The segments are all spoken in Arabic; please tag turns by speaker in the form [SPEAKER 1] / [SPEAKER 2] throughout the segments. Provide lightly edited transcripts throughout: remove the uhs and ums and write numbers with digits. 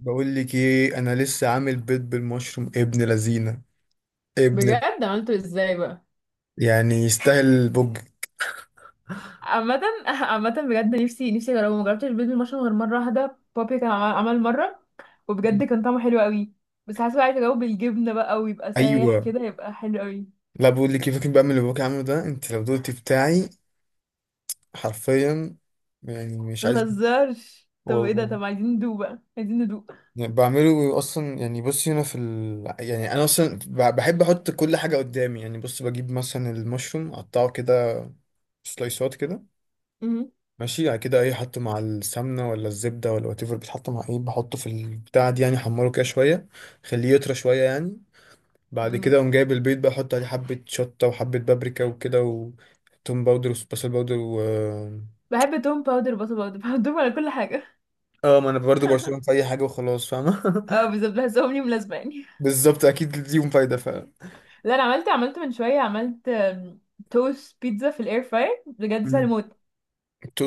[SPEAKER 1] بقول لك ايه، انا لسه عامل بيض بالمشروم ابن لذينه ابن.
[SPEAKER 2] بجد عملته ازاي بقى؟
[SPEAKER 1] يعني يستاهل البوج.
[SPEAKER 2] عامة عامة بجد نفسي اجربه. مجربتش البيض بالمشروم غير مرة واحدة. بابي كان عمل مرة وبجد كان طعمه حلو قوي. بس حاسة بقى عايزة اجاوب بالجبنة بقى ويبقى سايح
[SPEAKER 1] ايوه.
[SPEAKER 2] كده يبقى حلو قوي.
[SPEAKER 1] لا بقول لك ايه، فاكر بقى من اللي باباك عامله ده؟ انت لو دقتي بتاعي حرفيا، يعني مش عايز
[SPEAKER 2] متهزرش، طب ايه ده،
[SPEAKER 1] والله.
[SPEAKER 2] طب عايزين ندوق بقى، عايزين ندوق.
[SPEAKER 1] يعني بعمله اصلا، يعني بصي هنا في ال... يعني انا اصلا بحب احط كل حاجه قدامي، يعني بص بجيب مثلا المشروم اقطعه كده، سلايسات كده.
[SPEAKER 2] مهم.
[SPEAKER 1] ماشي، يعني كده ايه، حطه مع السمنه ولا الزبده ولا وات ايفر، بتحط مع ايه، بحطه في البتاع دي يعني حمره كده شويه، خليه يطرى شويه يعني. بعد كده
[SPEAKER 2] مم.
[SPEAKER 1] اقوم جايب البيض بقى، احط عليه حبه شطه وحبه بابريكا وكده وتوم باودر وبصل باودر و
[SPEAKER 2] بحب توم باودر بصل باودر بحطهم على كل حاجة.
[SPEAKER 1] اه. ما انا برضه برشلونه في اي حاجه وخلاص، فاهمه.
[SPEAKER 2] اه، بالظبط بحسهم لي ملازمة يعني.
[SPEAKER 1] بالظبط، اكيد ليهم فايده ف
[SPEAKER 2] لا، انا عملت من شوية، عملت توست بيتزا في الاير فراير، بجد سهل
[SPEAKER 1] مم.
[SPEAKER 2] موت.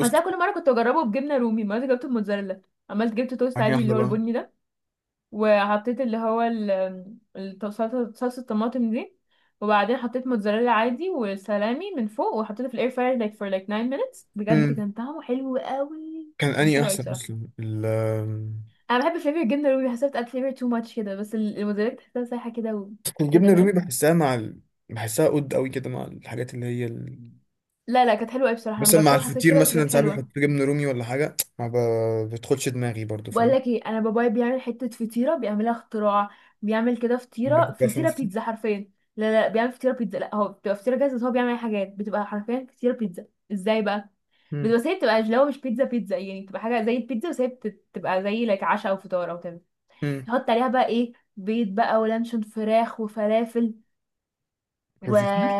[SPEAKER 2] بس انا كل مره كنت بجربه بجبنه رومي. مرة جبت الموتزاريلا، عملت جبت توست
[SPEAKER 1] يعني
[SPEAKER 2] عادي
[SPEAKER 1] احلى
[SPEAKER 2] اللي هو
[SPEAKER 1] بقى.
[SPEAKER 2] البني ده، وحطيت اللي هو ال- الت- صلصه صلصة الطماطم دي، وبعدين حطيت موتزاريلا عادي وسلامي من فوق، وحطيته في الاير فراير like for like 9 minutes. بجد
[SPEAKER 1] مم.
[SPEAKER 2] كان طعمه حلو قوي،
[SPEAKER 1] كان
[SPEAKER 2] كان
[SPEAKER 1] اني
[SPEAKER 2] حلو قوي
[SPEAKER 1] احسن
[SPEAKER 2] بصراحه.
[SPEAKER 1] اصلا ال
[SPEAKER 2] انا بحب فليفر الجبنه الرومي، بحسها بتاكل فليفر تو ماتش كده، بس الموتزاريلا تحسها سايحه كده
[SPEAKER 1] الجبنه
[SPEAKER 2] وكده
[SPEAKER 1] الرومي
[SPEAKER 2] فاهم.
[SPEAKER 1] بحسها مع ال... بحسها قد قوي كده مع الحاجات اللي هي
[SPEAKER 2] لا لا، كانت حلوه قوي بصراحه، انا
[SPEAKER 1] مثلا مع
[SPEAKER 2] جربتها وحسيت
[SPEAKER 1] الفطير.
[SPEAKER 2] كده، بس كانت
[SPEAKER 1] مثلا ساعات بيحط
[SPEAKER 2] حلوه.
[SPEAKER 1] جبنه رومي ولا حاجه، ما بتدخلش دماغي برضو،
[SPEAKER 2] بقول
[SPEAKER 1] فاهم؟
[SPEAKER 2] لك ايه، انا بابايا بيعمل حته فطيره بيعملها اختراع. بيعمل كده
[SPEAKER 1] باكل
[SPEAKER 2] فطيره
[SPEAKER 1] بقى فاهم
[SPEAKER 2] فطيره
[SPEAKER 1] فطير.
[SPEAKER 2] بيتزا حرفيا. لا لا، بيعمل فطيره بيتزا. لا، هو بتبقى فطيره جاهزه، بس هو بيعمل حاجات بتبقى حرفيا فطيره بيتزا. ازاي بقى؟
[SPEAKER 1] امم.
[SPEAKER 2] بتبقى، بس هي بتبقى اللي هو مش بيتزا بيتزا يعني، بتبقى حاجه زي البيتزا، بس هي بتبقى زي لك عشاء او فطار او كده.
[SPEAKER 1] امم.
[SPEAKER 2] يحط عليها بقى ايه، بيض بقى ولانشون فراخ وفلافل و
[SPEAKER 1] الفطير.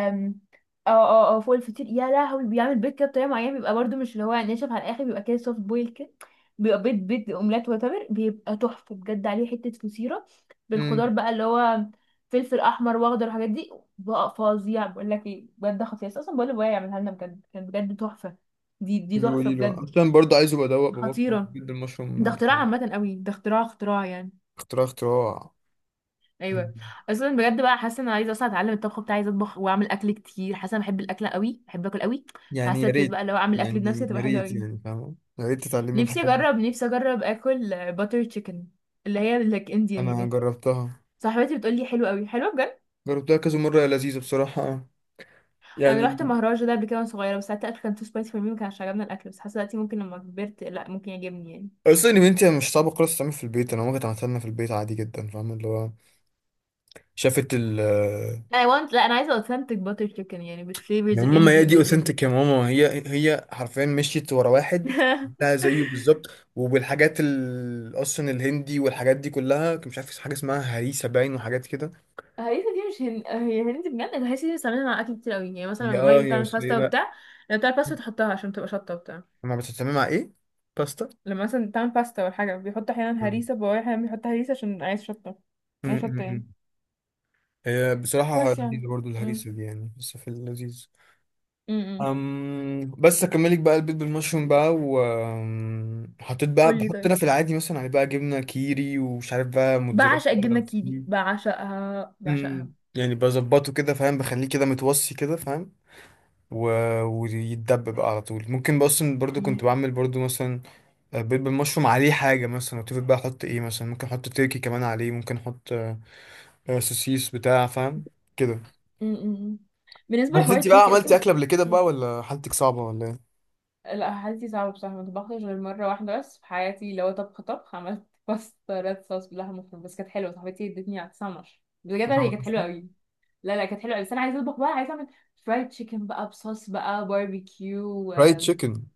[SPEAKER 2] اه اه اه، فوق الفطير. يا لهوي، بيعمل بيض كده بطريقه معينه، بيبقى برضو مش اللي هو ناشف على الاخر، بيبقى كده سوفت بويل كده، بيبقى بيض بيض اومليت واتر. بيبقى تحفه بجد عليه حته فطيره بالخضار
[SPEAKER 1] امم.
[SPEAKER 2] بقى اللي هو فلفل احمر واخضر والحاجات دي، بقى فظيع. بقول لك ايه، بجد خطير. اصلا بقول لابويا يعملها لنا، بجد كان بجد تحفه. دي تحفه
[SPEAKER 1] بيقولي له
[SPEAKER 2] بجد،
[SPEAKER 1] اصلا برضو عايز ابقى ادوق باباكي
[SPEAKER 2] خطيره.
[SPEAKER 1] جدا
[SPEAKER 2] ده
[SPEAKER 1] المشروم
[SPEAKER 2] اختراع
[SPEAKER 1] بتاعه.
[SPEAKER 2] عامه قوي، ده اختراع يعني.
[SPEAKER 1] اختراع اختراع. مم.
[SPEAKER 2] ايوه. اصلا بجد بقى حاسه ان انا عايزه اصلا اتعلم الطبخ بتاعي، عايزه اطبخ واعمل اكل كتير. حاسه انا بحب الاكل قوي، بحب اكل قوي.
[SPEAKER 1] يعني
[SPEAKER 2] حاسه
[SPEAKER 1] يا
[SPEAKER 2] ابتديت
[SPEAKER 1] ريت.
[SPEAKER 2] بقى لو اعمل اكل بنفسي
[SPEAKER 1] يعني يا
[SPEAKER 2] هتبقى حلوه
[SPEAKER 1] ريت،
[SPEAKER 2] قوي.
[SPEAKER 1] يعني فاهم، يا ريت تتعلمي
[SPEAKER 2] نفسي
[SPEAKER 1] الحاجات دي.
[SPEAKER 2] اجرب نفسي اجرب اكل باتر تشيكن، اللي هي لك انديان
[SPEAKER 1] انا
[SPEAKER 2] دي.
[SPEAKER 1] جربتها،
[SPEAKER 2] صاحبتي بتقول لي حلوه قوي، حلوه بجد.
[SPEAKER 1] جربتها كذا مره يا لذيذه بصراحه
[SPEAKER 2] انا
[SPEAKER 1] يعني.
[SPEAKER 2] رحت مهرجان ده قبل كده وانا صغيره، بس ساعتها الاكل كان تو سبايسي فور مي، ما كانش عجبنا الاكل. بس حاسه دلوقتي، ممكن لما كبرت، لا ممكن يعجبني يعني.
[SPEAKER 1] اصلا ان انت مش صعبه خالص تعمل في البيت، انا ممكن عملتها لنا في البيت عادي جدا، فاهم اللي هو شافت ال
[SPEAKER 2] انا want، لا انا عايزه اوثنتك باتر تشيكن يعني،
[SPEAKER 1] يا
[SPEAKER 2] بالفليفرز
[SPEAKER 1] ماما ما هي
[SPEAKER 2] الانديان
[SPEAKER 1] دي
[SPEAKER 2] وكده.
[SPEAKER 1] اوثنتيك يا ماما، هي حرفيا مشيت ورا واحد ده زيه بالظبط. وبالحاجات اصلا الهندي والحاجات دي كلها، كان مش عارف في حاجه اسمها هريسه باين وحاجات كده.
[SPEAKER 2] هريسة دي مش هي هندي بجد. الهريسة دي بتستعملها مع أكل كتير أوي يعني. مثلا
[SPEAKER 1] هي
[SPEAKER 2] لما
[SPEAKER 1] اه
[SPEAKER 2] مامي
[SPEAKER 1] هي
[SPEAKER 2] بتعمل
[SPEAKER 1] أصل
[SPEAKER 2] باستا
[SPEAKER 1] هي
[SPEAKER 2] وبتاع، لما بتعمل باستا تحطها عشان تبقى شطة وبتاع.
[SPEAKER 1] ما بتتعمل مع ايه؟ باستا.
[SPEAKER 2] لما مثلا بتعمل باستا ولا حاجة بيحط أحيانا
[SPEAKER 1] مم.
[SPEAKER 2] هريسة. بابايا أحيانا بيحط هريسة عشان عايز شطة،
[SPEAKER 1] مم،
[SPEAKER 2] عايز
[SPEAKER 1] مم.
[SPEAKER 2] شطة يعني.
[SPEAKER 1] مم. هي بصراحه
[SPEAKER 2] بس
[SPEAKER 1] لذيذه
[SPEAKER 2] يعني.
[SPEAKER 1] برضو
[SPEAKER 2] امم
[SPEAKER 1] الهريسه دي يعني، بس في اللذيذ.
[SPEAKER 2] امم
[SPEAKER 1] أم بس اكملك بقى البيض بالمشروم بقى، وحطيت بقى،
[SPEAKER 2] قولي
[SPEAKER 1] بحط انا
[SPEAKER 2] طيب.
[SPEAKER 1] في العادي مثلا عليه بقى جبنه كيري ومش عارف بقى موتزاريلا.
[SPEAKER 2] بعشق الجبنة الكيري، بعشقها بعشقها.
[SPEAKER 1] مم. يعني بظبطه كده، فاهم، بخليه كده متوصي كده، فاهم. و... ويتدب بقى على طول. ممكن بقى اصلا برضو كنت
[SPEAKER 2] امم
[SPEAKER 1] بعمل برضو مثلا بيض بالمشروم عليه حاجه مثلا اتفق بقى، احط ايه مثلا؟ ممكن احط تركي كمان عليه، ممكن احط سوسيس بتاع، فاهم كده.
[SPEAKER 2] امم بالنسبة
[SPEAKER 1] بس
[SPEAKER 2] لحوار
[SPEAKER 1] انت بقى
[SPEAKER 2] التركي
[SPEAKER 1] عملتي
[SPEAKER 2] أصلا.
[SPEAKER 1] اكله قبل كده بقى، ولا حالتك صعبه ولا ايه؟
[SPEAKER 2] لا حالتي صعبة بصراحة، ما طبختش غير مرة واحدة بس في حياتي اللي هو طبخ طبخ. عملت باستا ريد صوص باللحمة المفرومة، بس كانت حلوة. صاحبتي ادتني على تسمر، بجد
[SPEAKER 1] مش
[SPEAKER 2] هي
[SPEAKER 1] عملت
[SPEAKER 2] كانت حلوة
[SPEAKER 1] أصلاً؟
[SPEAKER 2] قوي. لا لا، كانت حلوة قوي. بس أنا عايزة أطبخ بقى، عايزة أعمل فرايد تشيكن بقى، بصوص بقى باربيكيو
[SPEAKER 1] فرايد تشيكن.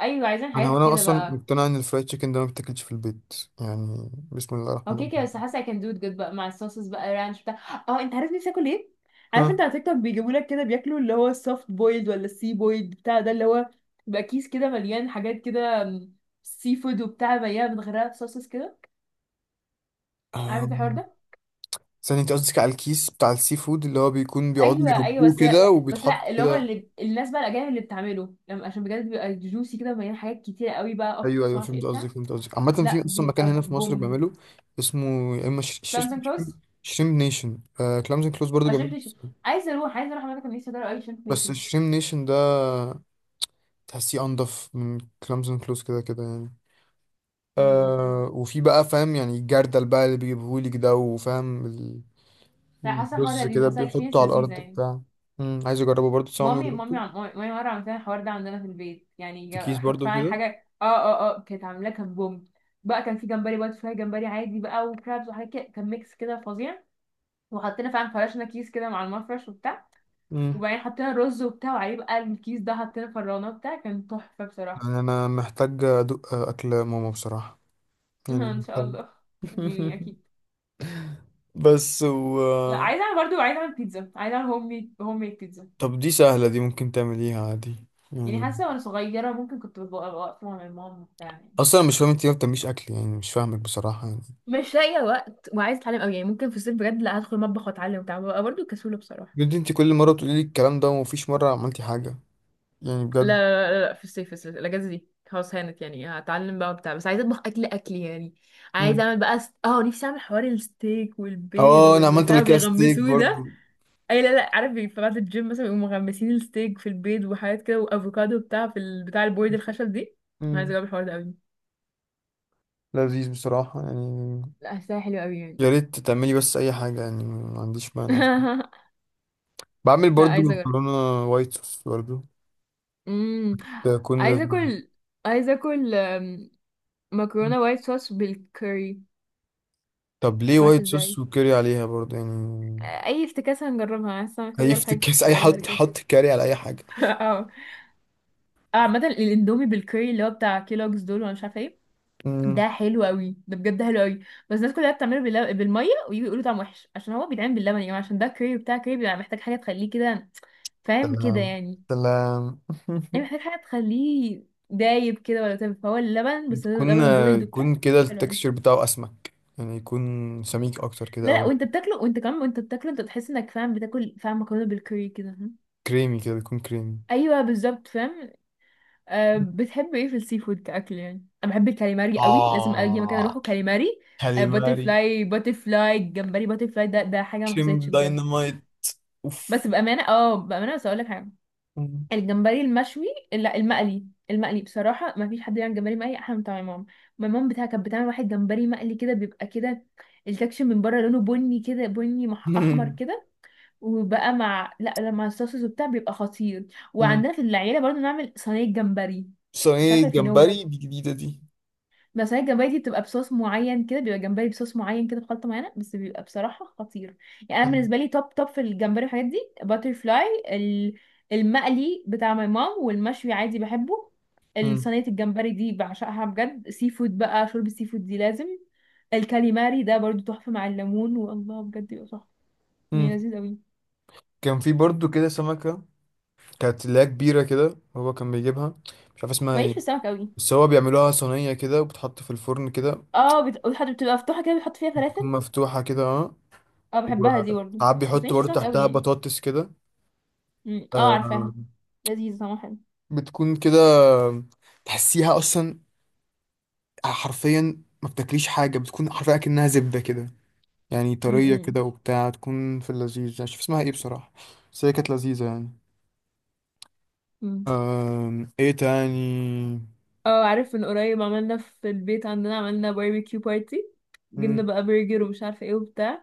[SPEAKER 2] أيوة، عايزين
[SPEAKER 1] انا
[SPEAKER 2] حاجات
[SPEAKER 1] وانا
[SPEAKER 2] كده
[SPEAKER 1] اصلا
[SPEAKER 2] بقى.
[SPEAKER 1] مقتنع ان الفرايد تشيكن ده ما بتاكلش في البيت، يعني بسم الله الرحمن
[SPEAKER 2] هو كده كده، بس
[SPEAKER 1] الرحيم.
[SPEAKER 2] حاسه I can do it good بقى مع الصوصز بقى، رانش بتاع. اه، انت عارف نفسي اكل ايه؟ عارف انت على تيك توك بيجيبوا لك كده بياكلوا اللي هو السوفت بويلد ولا السي بويلد بتاع ده، اللي هو بيبقى كيس كده مليان حاجات كده، سي فود وبتاع مليانه متغرقه بصوصز كده. عارف
[SPEAKER 1] ها؟
[SPEAKER 2] انت الحوار ده؟
[SPEAKER 1] ثانية، انت قصدك على الكيس بتاع السي فود اللي هو بيكون بيقعدوا
[SPEAKER 2] ايوه ايوه،
[SPEAKER 1] يربوه
[SPEAKER 2] بس لا.
[SPEAKER 1] كده
[SPEAKER 2] بس
[SPEAKER 1] وبيتحط
[SPEAKER 2] لا، اللي هم
[SPEAKER 1] كده؟
[SPEAKER 2] اللي الناس بقى الاجانب اللي بتعمله، لما عشان بجد بيبقى جوسي كده مليان حاجات كتيره قوي بقى،
[SPEAKER 1] ايوه
[SPEAKER 2] اوكتوبس ما
[SPEAKER 1] ايوه،
[SPEAKER 2] اعرفش
[SPEAKER 1] فهمت
[SPEAKER 2] ايه
[SPEAKER 1] قصدك
[SPEAKER 2] بتاع.
[SPEAKER 1] فهمت قصدك. عامة
[SPEAKER 2] لا
[SPEAKER 1] في اصلا مكان
[SPEAKER 2] بيبقى
[SPEAKER 1] هنا في مصر
[SPEAKER 2] بوم.
[SPEAKER 1] بيعمله، اسمه يا اما
[SPEAKER 2] كلامز
[SPEAKER 1] اسمه
[SPEAKER 2] اند كلوز،
[SPEAKER 1] شريم شريم نيشن. آه كلامز اند كلوز برضه بيعمله.
[SPEAKER 2] عشان عايزه اروح اماكن، نفسي ادور قوي،
[SPEAKER 1] بس الشريم نيشن ده تحسيه انضف من كلامز اند كلوز كده كده يعني.
[SPEAKER 2] عشان.
[SPEAKER 1] آه، وفي بقى فاهم يعني الجردل بقى اللي بيجيبهولك ده، وفاهم ال-
[SPEAKER 2] لا، حاسه الحوار
[SPEAKER 1] الرز
[SPEAKER 2] لذيذ،
[SPEAKER 1] كده
[SPEAKER 2] حاسه
[SPEAKER 1] بيحطه
[SPEAKER 2] اكسبيرينس
[SPEAKER 1] على
[SPEAKER 2] لذيذه
[SPEAKER 1] الارض
[SPEAKER 2] يعني.
[SPEAKER 1] بتاع. مم، عايز اجربه برضه بس أنا عمري ما
[SPEAKER 2] مامي مامي
[SPEAKER 1] جربته.
[SPEAKER 2] عم... مامي مره عملت لنا الحوار ده عندنا في البيت يعني،
[SPEAKER 1] في كيس
[SPEAKER 2] حط
[SPEAKER 1] برضه
[SPEAKER 2] فعلا
[SPEAKER 1] كده.
[SPEAKER 2] حاجه، كانت عاملاه كان بوم. بقى كان في جمبري بقى، فراي جمبري عادي بقى وكرابس وحاجات كده، كان ميكس كده فظيع. وحطينا فعلا فرشنا كيس كده مع المفرش وبتاع، وبعدين حطينا رز وبتاع، وعليه بقى الكيس ده حطينا فرانه وبتاع، كان تحفه بصراحه.
[SPEAKER 1] يعني انا محتاج ادوق اكل ماما بصراحة، يعني
[SPEAKER 2] ان شاء
[SPEAKER 1] محتاج.
[SPEAKER 2] الله. يعني اكيد.
[SPEAKER 1] بس
[SPEAKER 2] لا
[SPEAKER 1] و
[SPEAKER 2] عايزه اعمل برضه، عايزه اعمل بيتزا، عايزه اعمل هوم ميد، هوم ميد بيتزا.
[SPEAKER 1] طب دي سهلة، دي ممكن تعمليها عادي
[SPEAKER 2] يعني
[SPEAKER 1] يعني.
[SPEAKER 2] حاسه وانا صغيره ممكن كنت ببقى واقفه مع ماما وبتاع يعني.
[SPEAKER 1] اصلا أنا مش فاهم انت ليه ما بتعمليش اكل، يعني مش فاهمك بصراحة يعني.
[SPEAKER 2] مش لاقيه وقت وعايزه اتعلم قوي يعني. ممكن في الصيف بجد، لا، هدخل مطبخ واتعلم وبتاع، ببقى برضه كسوله بصراحه.
[SPEAKER 1] بجد انت كل مرة بتقولي لي الكلام ده ومفيش مرة عملتي حاجة، يعني
[SPEAKER 2] لا
[SPEAKER 1] بجد.
[SPEAKER 2] لا لا لا، في الصيف، الاجازه دي خلاص هانت يعني، هتعلم بقى وبتاع. بس عايزه اطبخ اكل اكل يعني. عايزه
[SPEAKER 1] مم.
[SPEAKER 2] اعمل بقى س... اه نفسي اعمل حوار الستيك والبيض
[SPEAKER 1] اه انا عملت قبل
[SPEAKER 2] والبتاع
[SPEAKER 1] كده ستيك
[SPEAKER 2] بيغمسوه ده.
[SPEAKER 1] برضو.
[SPEAKER 2] اي لا لا، عارف في بعد الجيم مثلا بيقوموا مغمسين الستيك في البيض وحاجات كده وافوكادو بتاع، في بتاع البورد الخشب دي. انا عايزه
[SPEAKER 1] مم.
[SPEAKER 2] اجرب الحوار ده قوي.
[SPEAKER 1] لذيذ بصراحة يعني.
[SPEAKER 2] لا، حاساها حلوه قوي يعني.
[SPEAKER 1] يا ريت تعملي بس اي حاجة، يعني ما عنديش مانع. بعمل
[SPEAKER 2] لا
[SPEAKER 1] برضو
[SPEAKER 2] عايزه اجرب.
[SPEAKER 1] مكرونة وايت صوص برضو.
[SPEAKER 2] امم
[SPEAKER 1] تكون
[SPEAKER 2] عايزه
[SPEAKER 1] لذيذة.
[SPEAKER 2] اكل، عايزه اكل مكرونة وايت صوص بالكcurry.
[SPEAKER 1] طب ليه
[SPEAKER 2] معرفش
[SPEAKER 1] وايت
[SPEAKER 2] ازاي.
[SPEAKER 1] صوص وكاري عليها برضه يعني؟
[SPEAKER 2] اي افتكاسة هنجربها، انا لسه محتاجة اجرب
[SPEAKER 1] هيفتك
[SPEAKER 2] حاجة
[SPEAKER 1] كاس اي
[SPEAKER 2] غريبة
[SPEAKER 1] حد
[SPEAKER 2] كده.
[SPEAKER 1] حط كاري على اي حاجه.
[SPEAKER 2] اه. عامة الاندومي بالكوري اللي هو بتاع كيلوجز دول، وانا مش عارفه ايه،
[SPEAKER 1] مم.
[SPEAKER 2] ده حلو قوي، ده بجد حلو قوي. بس الناس كلها بتعمله بالميه، ويجوا يقولوا طعم وحش، عشان هو بيتعمل باللبن يا جماعه. عشان ده كوري بتاع كوري، بيبقى محتاج حاجه تخليه كده، فاهم كده
[SPEAKER 1] سلام.
[SPEAKER 2] يعني.
[SPEAKER 1] سلام.
[SPEAKER 2] يعني محتاج حاجه تخليه دايب كده، ولا تبقى فهو اللبن. بس هو
[SPEAKER 1] بتكون،
[SPEAKER 2] لبن بويلد وبتاع،
[SPEAKER 1] يكون كده
[SPEAKER 2] حلو
[SPEAKER 1] التكستشر
[SPEAKER 2] قوي.
[SPEAKER 1] بتاعه اسمك يعني، يكون سميك اكتر كده
[SPEAKER 2] لا
[SPEAKER 1] او
[SPEAKER 2] لا، وانت بتاكله وانت كمان وانت بتاكله، انت تحس انك فاهم بتاكل، فاهم مكرونه بالكوري كده.
[SPEAKER 1] كريمي كده، بيكون كريمي.
[SPEAKER 2] ايوه بالظبط فاهم. أه، بتحب ايه في السي فود كاكل يعني؟ انا بحب الكاليماري قوي، لازم اي مكان اروحه
[SPEAKER 1] آه.
[SPEAKER 2] كاليماري. أه باتر
[SPEAKER 1] كاليماري.
[SPEAKER 2] فلاي، باتر فلاي الجمبري باتر فلاي ده حاجه ما
[SPEAKER 1] كريم
[SPEAKER 2] حصلتش بجد.
[SPEAKER 1] داينامايت.
[SPEAKER 2] بس
[SPEAKER 1] اوف.
[SPEAKER 2] بامانه بس اقول لك حاجه،
[SPEAKER 1] مم.
[SPEAKER 2] الجمبري المشوي. لا، المقلي. المقلي بصراحه، ما فيش حد يعمل جمبري مقلي احلى من بتاع ماما. ماما بتاعها كانت بتعمل واحد جمبري مقلي كده، بيبقى كده التكشن من بره لونه بني كده، بني احمر
[SPEAKER 1] مم.
[SPEAKER 2] كده، وبقى مع، لا، لما الصوصز وبتاع بيبقى خطير.
[SPEAKER 1] مم.
[SPEAKER 2] وعندنا في العيله برضو نعمل صينيه جمبري، مش
[SPEAKER 1] صينية
[SPEAKER 2] عارفه في نوت.
[SPEAKER 1] جمبري دي جديدة دي.
[SPEAKER 2] بس صينيه الجمبري دي بتبقى بصوص معين كده، بيبقى جمبري بصوص معين كده بخلطه معينه، بس بيبقى بصراحه خطير. يعني انا
[SPEAKER 1] مم.
[SPEAKER 2] بالنسبه لي توب توب في الجمبري والحاجات دي. باتر فلاي المقلي بتاع ماي مام، والمشوي عادي بحبه.
[SPEAKER 1] مم.
[SPEAKER 2] الصينيه الجمبري دي بعشقها بجد. سي فود بقى، شوربه سي فود دي لازم. الكاليماري ده برضو تحفه مع الليمون، والله بجد بيبقى تحفه، يعني
[SPEAKER 1] مم.
[SPEAKER 2] لذيذ قوي.
[SPEAKER 1] كان في برضو كده سمكة، كانت اللي هي كبيرة كده، هو كان بيجيبها. مش عارف اسمها
[SPEAKER 2] ماليش
[SPEAKER 1] ايه،
[SPEAKER 2] في السمك قوي.
[SPEAKER 1] بس هو بيعملوها صينية كده وبتحط في الفرن كده.
[SPEAKER 2] اه، بتحط، بتبقى مفتوحة كده، بتحط فيها
[SPEAKER 1] بتكون
[SPEAKER 2] فلافل.
[SPEAKER 1] مفتوحة كده اه.
[SPEAKER 2] اه بحبها دي برضه.
[SPEAKER 1] وساعات
[SPEAKER 2] بس
[SPEAKER 1] بيحط
[SPEAKER 2] ماليش في
[SPEAKER 1] برضه
[SPEAKER 2] السمك قوي
[SPEAKER 1] تحتها
[SPEAKER 2] يعني.
[SPEAKER 1] بطاطس كده.
[SPEAKER 2] مم. اه
[SPEAKER 1] آه.
[SPEAKER 2] عارفاها، لذيذ طعمها حلو.
[SPEAKER 1] بتكون كده، تحسيها أصلا حرفيا ما بتاكليش حاجة، بتكون حرفيا كأنها زبدة كده، يعني طرية كده
[SPEAKER 2] مم.
[SPEAKER 1] وبتاع، تكون في اللذيذ. أنا مش عارف اسمها ايه بصراحة، بس هي كانت لذيذة يعني.
[SPEAKER 2] مم.
[SPEAKER 1] آم، ايه تاني؟
[SPEAKER 2] اه، عارف من قريب عملنا في البيت عندنا، عملنا باربيكيو بارتي. جبنا
[SPEAKER 1] مم،
[SPEAKER 2] بقى برجر ومش عارفه ايه وبتاع،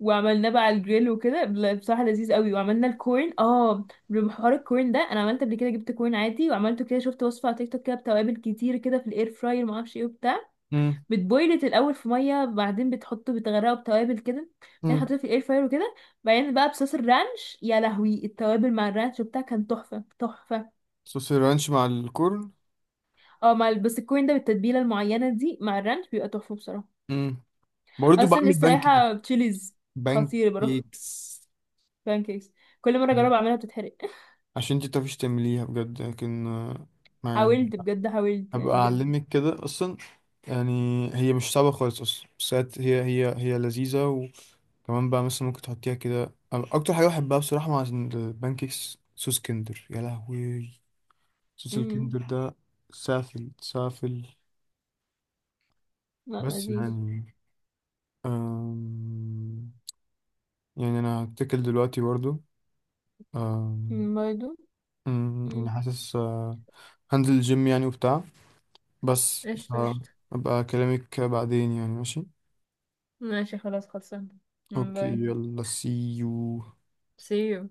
[SPEAKER 2] وعملناه بقى على الجريل وكده، لا، بصراحه لذيذ قوي. وعملنا الكورن، بحوار الكورن ده، انا عملت قبل كده جبت كورن عادي وعملته كده، شفت وصفه على تيك توك كده بتوابل كتير كده في الاير فراير، ما اعرفش ايه وبتاع.
[SPEAKER 1] مم،
[SPEAKER 2] بتبويلت الاول في ميه، بعدين بتحطه بتغرقه بتوابل كده، بعدين
[SPEAKER 1] مم.
[SPEAKER 2] حطيته في الاير فراير وكده، بعدين بقى بصوص الرانش. يا لهوي، التوابل مع الرانش وبتاع كان تحفه تحفه.
[SPEAKER 1] صوص الرانش مع الكرن.
[SPEAKER 2] اه، مع البسكوين ده بالتتبيله المعينه دي مع الرانش بيبقى تحفه بصراحه.
[SPEAKER 1] مم. برضه
[SPEAKER 2] اصلا
[SPEAKER 1] بعمل
[SPEAKER 2] لسه
[SPEAKER 1] بان كيك.
[SPEAKER 2] رايحه تشيليز
[SPEAKER 1] بان
[SPEAKER 2] خطير، بروح
[SPEAKER 1] كيكس.
[SPEAKER 2] بانكيكس. كل مره اجرب اعملها بتتحرق.
[SPEAKER 1] عشان انت متعرفيش تعمليها بجد لكن آه، ما يعني
[SPEAKER 2] حاولت بجد، حاولت يعني
[SPEAKER 1] هبقى
[SPEAKER 2] بجد.
[SPEAKER 1] اعلمك كده اصلا يعني. هي مش صعبة خالص اصلا بس هي هي هي هي لذيذة. وكمان بقى مثلا ممكن تحطيها كده. أنا اكتر حاجة بحبها بصراحة مع البان كيكس صوص كندر، يا لهوي. صوص
[SPEAKER 2] امم
[SPEAKER 1] الكندر ده سافل سافل.
[SPEAKER 2] لا،
[SPEAKER 1] بس
[SPEAKER 2] لذيذ.
[SPEAKER 1] يعني أم... يعني انا هتكل دلوقتي برضو. أم...
[SPEAKER 2] برضه.
[SPEAKER 1] أمم، يعني
[SPEAKER 2] امم
[SPEAKER 1] حاسس آه، هنزل الجيم يعني وبتاع، بس
[SPEAKER 2] قشطة قشطة.
[SPEAKER 1] فأبقى أكلمك بعدين يعني، ماشي؟
[SPEAKER 2] ماشي خلاص خلصنا.
[SPEAKER 1] أوكي
[SPEAKER 2] باي.
[SPEAKER 1] يلا، سي يو.
[SPEAKER 2] see you